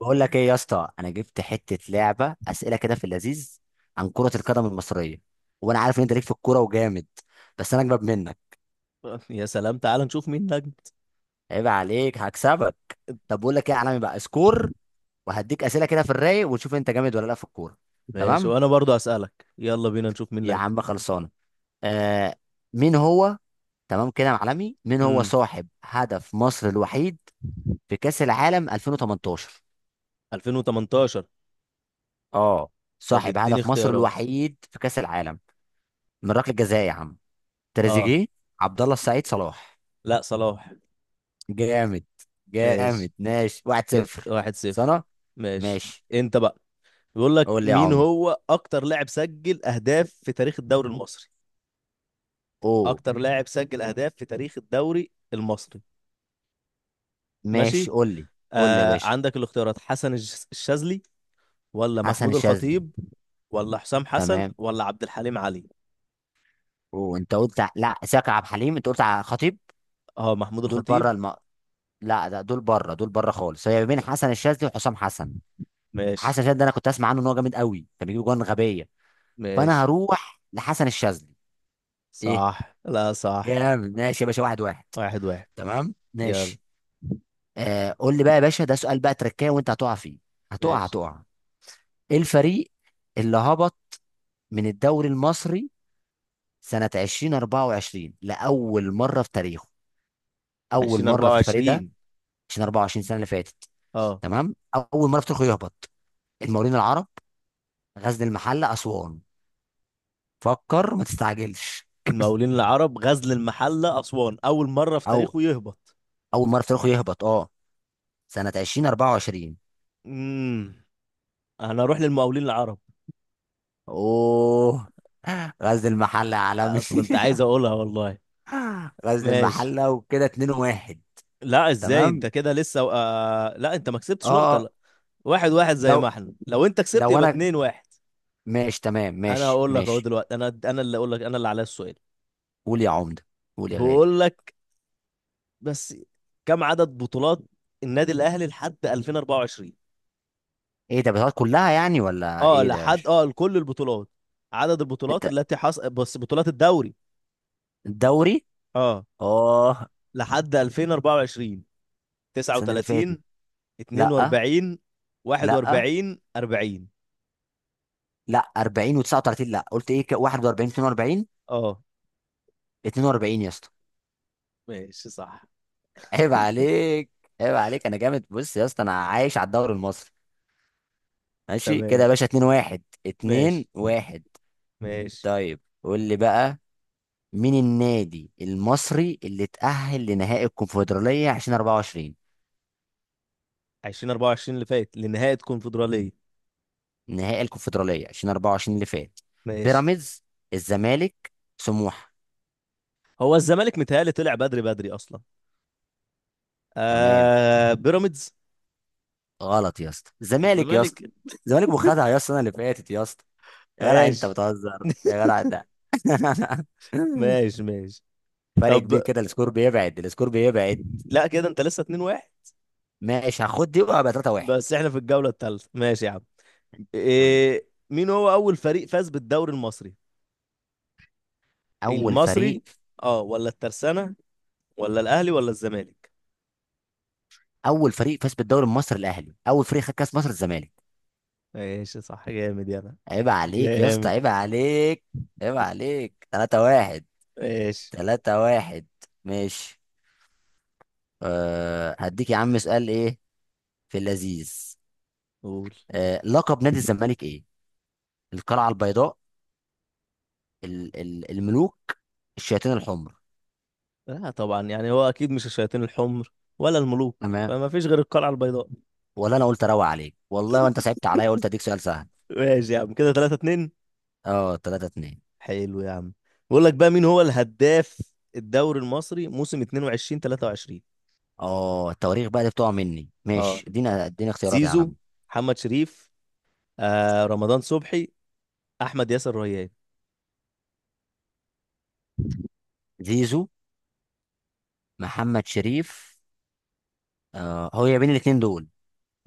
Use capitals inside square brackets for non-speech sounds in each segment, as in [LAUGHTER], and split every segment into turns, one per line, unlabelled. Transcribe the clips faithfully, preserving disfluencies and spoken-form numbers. بقول لك ايه يا اسطى؟ انا جبت حته لعبه اسئله كده في اللذيذ عن كره القدم المصريه، وانا عارف ان انت ليك في الكوره وجامد، بس انا اجمد منك.
[LAUGHS] يا سلام، تعال نشوف مين لجنة.
عيب عليك، هكسبك. طب بقول لك ايه يا عالمي؟ بقى سكور وهديك اسئله كده في الرايق ونشوف انت جامد ولا لا في الكوره.
ماشي،
تمام
وانا برضو هسألك. يلا بينا نشوف مين
يا
لجنة.
عم، خلصانه. آه. مين هو؟ تمام كده يا معلمي، مين هو
امم
صاحب هدف مصر الوحيد في كاس العالم ألفين وتمنتاشر؟
ألفين وتمنتاشر.
اه
طب
صاحب
اديني
هدف مصر
اختيارات.
الوحيد في كاس العالم من ركله جزاء يا عم.
اه،
تريزيجيه، عبد الله السعيد، صلاح.
لا صلاح.
جامد.
ماشي
جامد، ماشي، واحد
كده
صفر.
واحد صفر.
سنة.
ماشي.
ماشي.
انت بقى. بيقول لك
قول لي يا
مين
عم
هو اكتر لاعب سجل اهداف في تاريخ الدوري المصري؟
اوه
اكتر لاعب سجل اهداف في تاريخ الدوري المصري.
ماشي
ماشي.
قول لي قول لي يا
آه
باشا،
عندك الاختيارات: حسن الش- الشاذلي، ولا
حسن
محمود
الشاذلي.
الخطيب، ولا حسام حسن،
تمام.
ولا عبد الحليم علي؟
وانت قلت ع- لا ساكر عبد الحليم، انت قلت على خطيب.
اه، محمود
دول بره
الخطيب.
الم... لا، ده دول بره، دول بره خالص. هي بين حسن الشاذلي وحسام حسن.
ماشي.
حسن الشاذلي ده انا كنت اسمع عنه ان هو جامد قوي، كان بيجيب جوان غبيه، فانا
ماشي
هروح لحسن الشاذلي. ايه.
صح لا صح.
جامد، ماشي يا باشا، واحد واحد.
واحد واحد.
تمام،
يلا.
ماشي. آه قول لي بقى يا باشا، ده سؤال بقى تركايه وانت هتقع فيه، هتقع
ماشي.
هتقع. ايه الفريق اللي هبط من الدوري المصري سنة ألفين وأربعة وعشرين لأول مرة في تاريخه؟ أول
عشرين
مرة
أربعة
في الفريق ده،
وعشرين
عشان أربعة وعشرين سنة اللي فاتت.
اه،
تمام، أول مرة في تاريخه يهبط. المقاولين العرب، غزل المحلة، أسوان. فكر ما تستعجلش.
المقاولين العرب، غزل المحلة، أسوان. أول مرة في
أو،
تاريخه يهبط.
أول مرة في تاريخه يهبط أه، سنة ألفين وأربعة وعشرين.
امم أنا أروح للمقاولين العرب.
أوه، غزل المحلة يا
آه،
عالمي.
كنت عايز أقولها والله.
[LAUGHS] غزل
ماشي.
المحلة وكده. اتنين واحد.
لا، إزاي؟ أنت
تمام.
كده لسه آه... لا، أنت ما كسبتش نقطة
اه.
لا. واحد واحد زي ما
لو
احنا، لو أنت كسبت
لو
يبقى
انا.
اتنين واحد.
ماشي، تمام،
أنا
ماشي
هقول لك أهو
ماشي
دلوقتي. أنا أنا اللي أقول لك، أنا اللي عليا السؤال.
قول يا عمده، قول يا غالي.
بقول لك. بس. كم عدد بطولات النادي الاهلي لحد ألفين وأربعة وعشرين؟
ايه ده، بتاعت كلها يعني ولا
اه
ايه ده؟
لحد،
مش
اه لكل البطولات. عدد البطولات
انت؟
التي حصل بس بطولات الدوري.
الدوري.
اه،
اه.
لحد ألفين وأربعة وعشرين.
السنه اللي
تسعه وتلاتين؟
فاتت. لا.
اتنين واربعين؟
لا،
واحد واربعين؟ أربعين؟
لا، أربعين و39، لا قلت ايه ك- واحد وأربعين اتنين وأربعين.
اه.
اتنين وأربعين يا اسطى،
ماشي صح.
عيب
[LAUGHS]
عليك. عيب عليك، انا جامد. بص يا اسطى، انا عايش على الدوري المصري. ماشي كده
تمام.
يا باشا، اتنين واحد،
ماشي
اتنين واحد.
ماشي.
طيب قول لي بقى، مين النادي المصري اللي اتأهل لنهائي الكونفدرالية ألفين وأربعة وعشرين؟
ألفين وأربعة وعشرين اللي فات لنهاية كونفدرالية.
نهائي الكونفدرالية ألفين وأربعة وعشرين اللي فات.
ماشي.
بيراميدز، الزمالك، سموحة.
هو الزمالك متهيألي طلع بدري بدري أصلا.
تمام.
آه، بيراميدز.
غلط يا اسطى، الزمالك يا اسطى.
الزمالك.
الزمالك وخدها يا اسطى، السنة اللي فاتت يا اسطى. يا جدع انت
ماشي
بتهزر يا جدع ده. [LAUGHS]
ماشي ماشي.
فرق
طب
كبير كده، السكور بيبعد، السكور بيبعد.
لا، كده انت لسه اتنين واحد.
ماشي، هاخد دي وهبقى تلاتة واحد.
بس احنا في الجولة الثالثة، ماشي يا عم.
قول لي.
إيه، مين هو أول فريق فاز بالدوري المصري؟
اول
المصري،
فريق.
اه، ولا الترسانة، ولا الأهلي، ولا الزمالك؟
اول فريق فاز بالدوري المصري الاهلي، اول فريق خد كاس مصر الزمالك.
ماشي صح، جامد. يلا.
عيب عليك يا اسطى،
جامد.
عيب عليك. عيب عليك، تلاتة واحد.
ماشي.
تلاتة واحد. ماشي. أه هديك يا عم سؤال ايه في اللذيذ.
قول.
أه، لقب نادي الزمالك ايه؟ القلعة البيضاء، ال ال الملوك الشياطين الحمر.
لا طبعا، يعني هو أكيد مش الشياطين الحمر، ولا الملوك،
تمام.
فما فيش غير القلعة البيضاء.
ولا انا قلت اروق عليك والله، وانت صعبت عليا، قلت اديك سؤال سهل.
ماشي يا عم، كده تلاتة اتنين.
اه تلاتة اتنين.
حلو يا عم. بقول لك بقى، مين هو الهداف الدوري المصري موسم اتنين وعشرين تلاتة وعشرين؟
اه، التواريخ بقى دي بتقع مني.
اه:
ماشي، ادينا اديني اختيارات يا
زيزو،
عالم.
محمد شريف، آه رمضان صبحي، احمد ياسر ريان.
زيزو، محمد شريف. أه، هو يا بين الاتنين دول.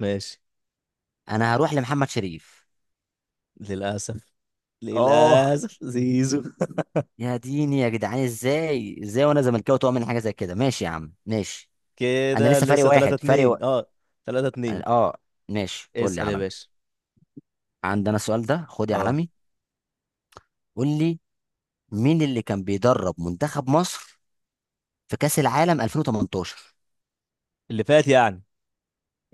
ماشي.
انا هروح لمحمد شريف.
للاسف.
اه،
للاسف زيزو.
يا ديني يا جدعان، ازاي؟ ازاي وانا زملكاوي تقع من حاجه زي كده؟ ماشي يا عم، ماشي. انا
كده
لسه فارق
لسه تلاتة
واحد، فارق و...
اتنين. اه، تلاتة اتنين.
اه. ماشي، قول لي
اسال يا
علمي.
باشا.
عندنا السؤال ده، خد يا
اه،
علمي. قول لي، مين اللي كان بيدرب منتخب مصر في كاس العالم ألفين وتمنتاشر
اللي فات يعني.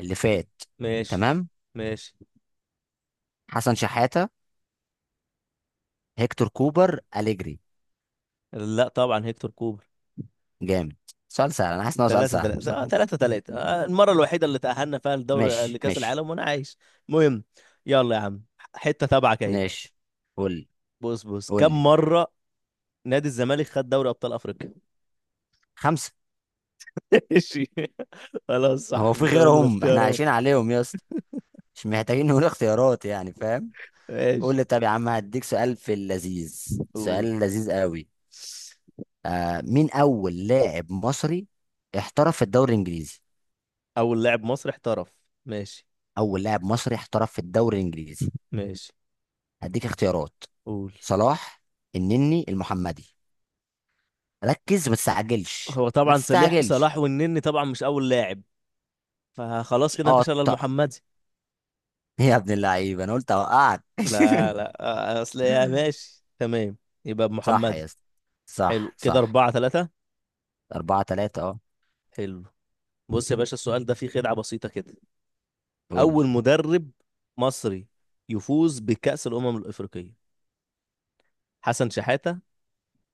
اللي فات؟
ماشي.
تمام.
ماشي.
حسن شحاته، هيكتور كوبر، اليجري.
لا طبعا، هيكتور كوبر.
جامد. سؤال سهل، انا حاسس ان هو سؤال
تلاتة
سهل
تلاتة. آه،
بصراحه.
تلاتة تلاتة. آه، المره الوحيده اللي تاهلنا فيها لدوري،
ماشي
لكاس
ماشي.
العالم، وانا عايش. المهم. يلا يا عم، حته تبعك اهي.
ماشي. قول لي
بص بص،
قول
كم
لي
مره نادي الزمالك خد دوري ابطال افريقيا؟
خمسه.
ماشي. خلاص
هو
صح،
في
مش هقول
غيرهم احنا
الاختيارات.
عايشين عليهم يا اسطى؟ مش محتاجين نقول اختيارات يعني، فاهم. قول
ماشي.
لي، طب يا عم هديك سؤال في اللذيذ. سؤال
قول.
لذيذ قوي. آه، مين اول لاعب مصري احترف في الدوري الانجليزي؟
اول لاعب مصري احترف. ماشي.
اول لاعب مصري احترف في الدوري الانجليزي.
ماشي.
هديك اختيارات:
قول.
صلاح، النني، المحمدي. ركز، ما تستعجلش
هو
ما
طبعا صلاح.
تستعجلش
صلاح والنني طبعا مش اول لاعب، فخلاص كده
اه
مفيش الا
طق.
المحمدي.
[LAUGHS] يا ابن اللعيبه، انا قلت اوقعك.
لا لا، اصل يا، ماشي
[LAUGHS]
تمام. يبقى
صح يا
المحمدي.
اسطى؟ صح
حلو، كده
صح.
أربعة ثلاثة.
أربعة تلاتة اه.
حلو. بص يا باشا، السؤال ده فيه خدعة بسيطة كده.
قول
أول مدرب مصري يفوز بكأس الأمم الأفريقية؟ حسن شحاتة،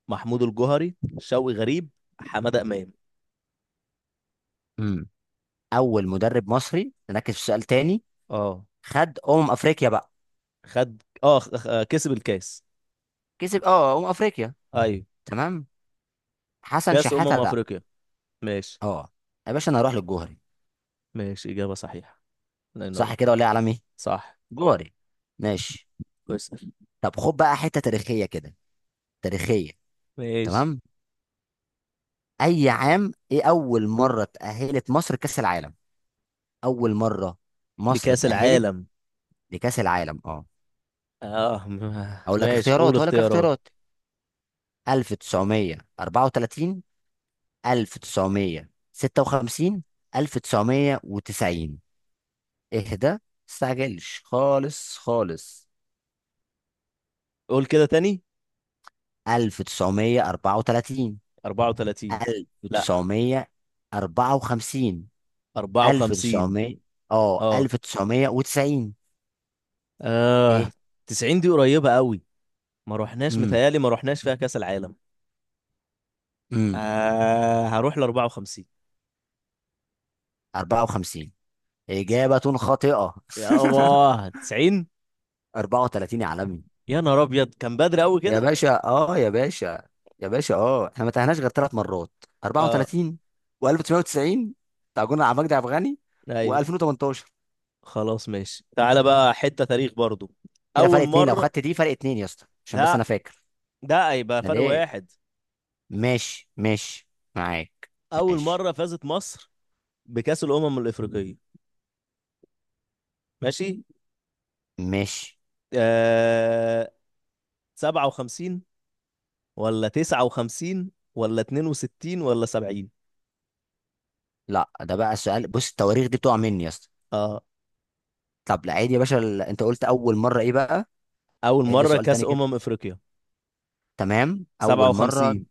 محمود الجوهري، شوقي غريب، حمادة إمام.
لي. اول مدرب مصري، نركز في سؤال تاني.
اه،
خد امم افريقيا بقى.
خد، اه خ- آه، كسب الكاس.
كسب اه امم افريقيا.
ايوه،
تمام. حسن
كاس
شحاته
امم
لا.
افريقيا. ماشي.
اه يا باشا، انا هروح للجوهري.
ماشي، اجابه صحيحه. الله
صح
ينور.
كده ولا ايه يا عالمي؟
صح.
جوهري. ماشي.
كويس.
طب خد بقى حته تاريخيه كده، تاريخيه.
ماشي.
تمام. اي عام ايه اول مره تاهلت مصر كاس العالم؟ اول مره مصر
لكاس
تاهلت
العالم.
لكاس العالم اه.
اه. [LAUGHS] م-
اقول لك
ماشي
اختيارات
قول
اقول لك
اختيارات.
اختيارات ألف وتسعمائة وأربعة وثلاثين، ألف وتسعمائة وستة وخمسين، ألف وتسعمائة وتسعين. اهدى، متستعجلش، خالص خالص.
قول كده تاني.
ألف وتسعمائة وأربعة وثلاثين،
أربعه وثلاثين؟ لا
ألف وتسعمائة وأربعة وخمسين،
أربعة وخمسين.
ألف وتسعمائة، اه
اه
ألف وتسعمائة وتسعين.
اه،
ايه؟
تسعين دي قريبه قوي. ما رحناش
امم
متهيالي، ما رحناش فيها كاس العالم.
امم
آه، هروح ل أربعة وخمسين.
أربعة وخمسين إجابة خاطئة.
يابا تسعين.
[LAUGHS] أربعة وثلاثين يا عالمي.
يا نهار ابيض، كان بدري قوي
يا
كده.
باشا اه، يا باشا، يا باشا اه، احنا ما تاهناش غير ثلاث مرات:
اه.
أربعة وثلاثين و1990، بتاع جون عبد المجيد عبد الغني،
ايوه.
و2018.
خلاص ماشي، تعالى بقى حتة تاريخ برضو.
كده فرق
أول
اتنين، لو
مرة.
خدت دي فرق اتنين يا اسطى، عشان بس انا
لا،
فاكر.
ده هيبقى
لا
فرق
ليه؟
واحد.
ماشي ماشي، معاك.
أول
ماشي.
مرة فازت مصر بكأس الأمم الإفريقية. ماشي.
ماشي.
آه... سبعة وخمسين، ولا تسعة وخمسين، ولا اتنين وستين، ولا سبعين؟
لا ده بقى سؤال، بص التواريخ دي بتقع مني يا اسطى.
اه،
طب لا عادي يا باشا، ال- انت قلت اول مره ايه بقى؟
أول
عيد لي
مرة
سؤال
كأس
تاني كده.
أمم إفريقيا.
تمام، اول مره.
سبعة وخمسين،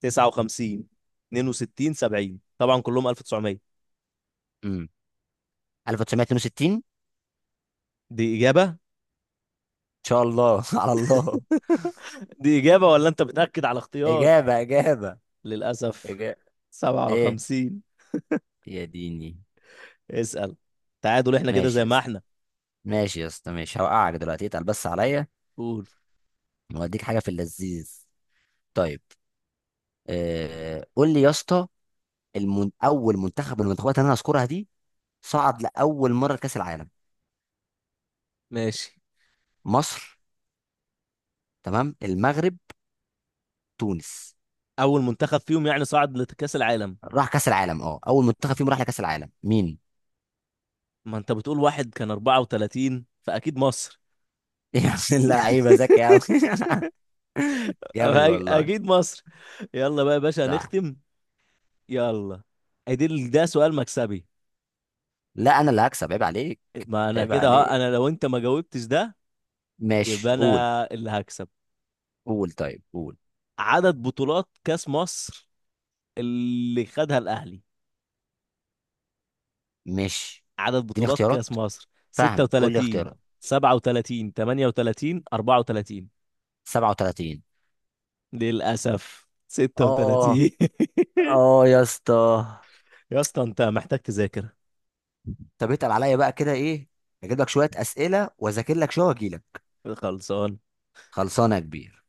تسعة وخمسين، اتنين وستين، سبعين، طبعا كلهم ألف وتسعمية.
امم ألف وتسعميه واتنين وستين ان
دي إجابة.
شاء الله. [LAUGHS] على الله.
[LAUGHS] دي إجابة، ولا أنت بتأكد على اختيار؟
اجابه، اجابه،
للأسف
اجابه. ايه؟
سبعة وخمسين.
يا ديني.
اسأل. تعادل، احنا كده
ماشي
زي
يا
ما
اسطى.
احنا.
ماشي يا اسطى، ماشي، هوقعك دلوقتي، اتقل بس عليا.
قول.
واديك حاجه في اللذيذ. طيب. آه قول لي يا اسطى، المن... اول منتخب من المنتخبات اللي انا هذكرها دي صعد لاول مره لكاس العالم.
ماشي.
مصر، تمام، المغرب، تونس.
اول منتخب فيهم يعني صعد لكأس العالم.
راح كاس العالم اه، اول منتخب فيهم راح لكاس العالم مين؟
ما انت بتقول واحد كان أربعة وتلاتين، فاكيد مصر.
[LAUGHS] يا ابن اللعيبه،
[LAUGHS]
ذكي قوي. [LAUGHS] جامد
أ-
والله.
اكيد مصر. يلا بقى يا باشا
صح.
هنختم. يلا. ادي ده سؤال مكسبي.
لا انا اللي هكسب، عيب عليك.
ما انا
عيب
كده ها،
عليك.
انا لو انت ما جاوبتش ده يبقى
ماشي قول.
انا اللي هكسب.
قول طيب، قول.
عدد بطولات كأس مصر اللي خدها الاهلي.
مش؟
عدد
اديني
بطولات كأس
اختيارات،
مصر
فاهم. قول لي
ستة وتلاتين؟
اختيارات.
سبعة وتلاتين؟ ثمانية وثلاثين؟ أربعة وتلاتين؟
سبعة وثلاثين.
للأسف
اه.
سته وثلاثين.
اه يا اسطى.
[LAUGHS] يا اسطى، انت محتاج تذاكر.
طب اتقل عليا بقى كده ايه. اجيب لك شويه اسئله واذاكر لك شويه واجي لك.
خلصان.
خلصانه يا كبير.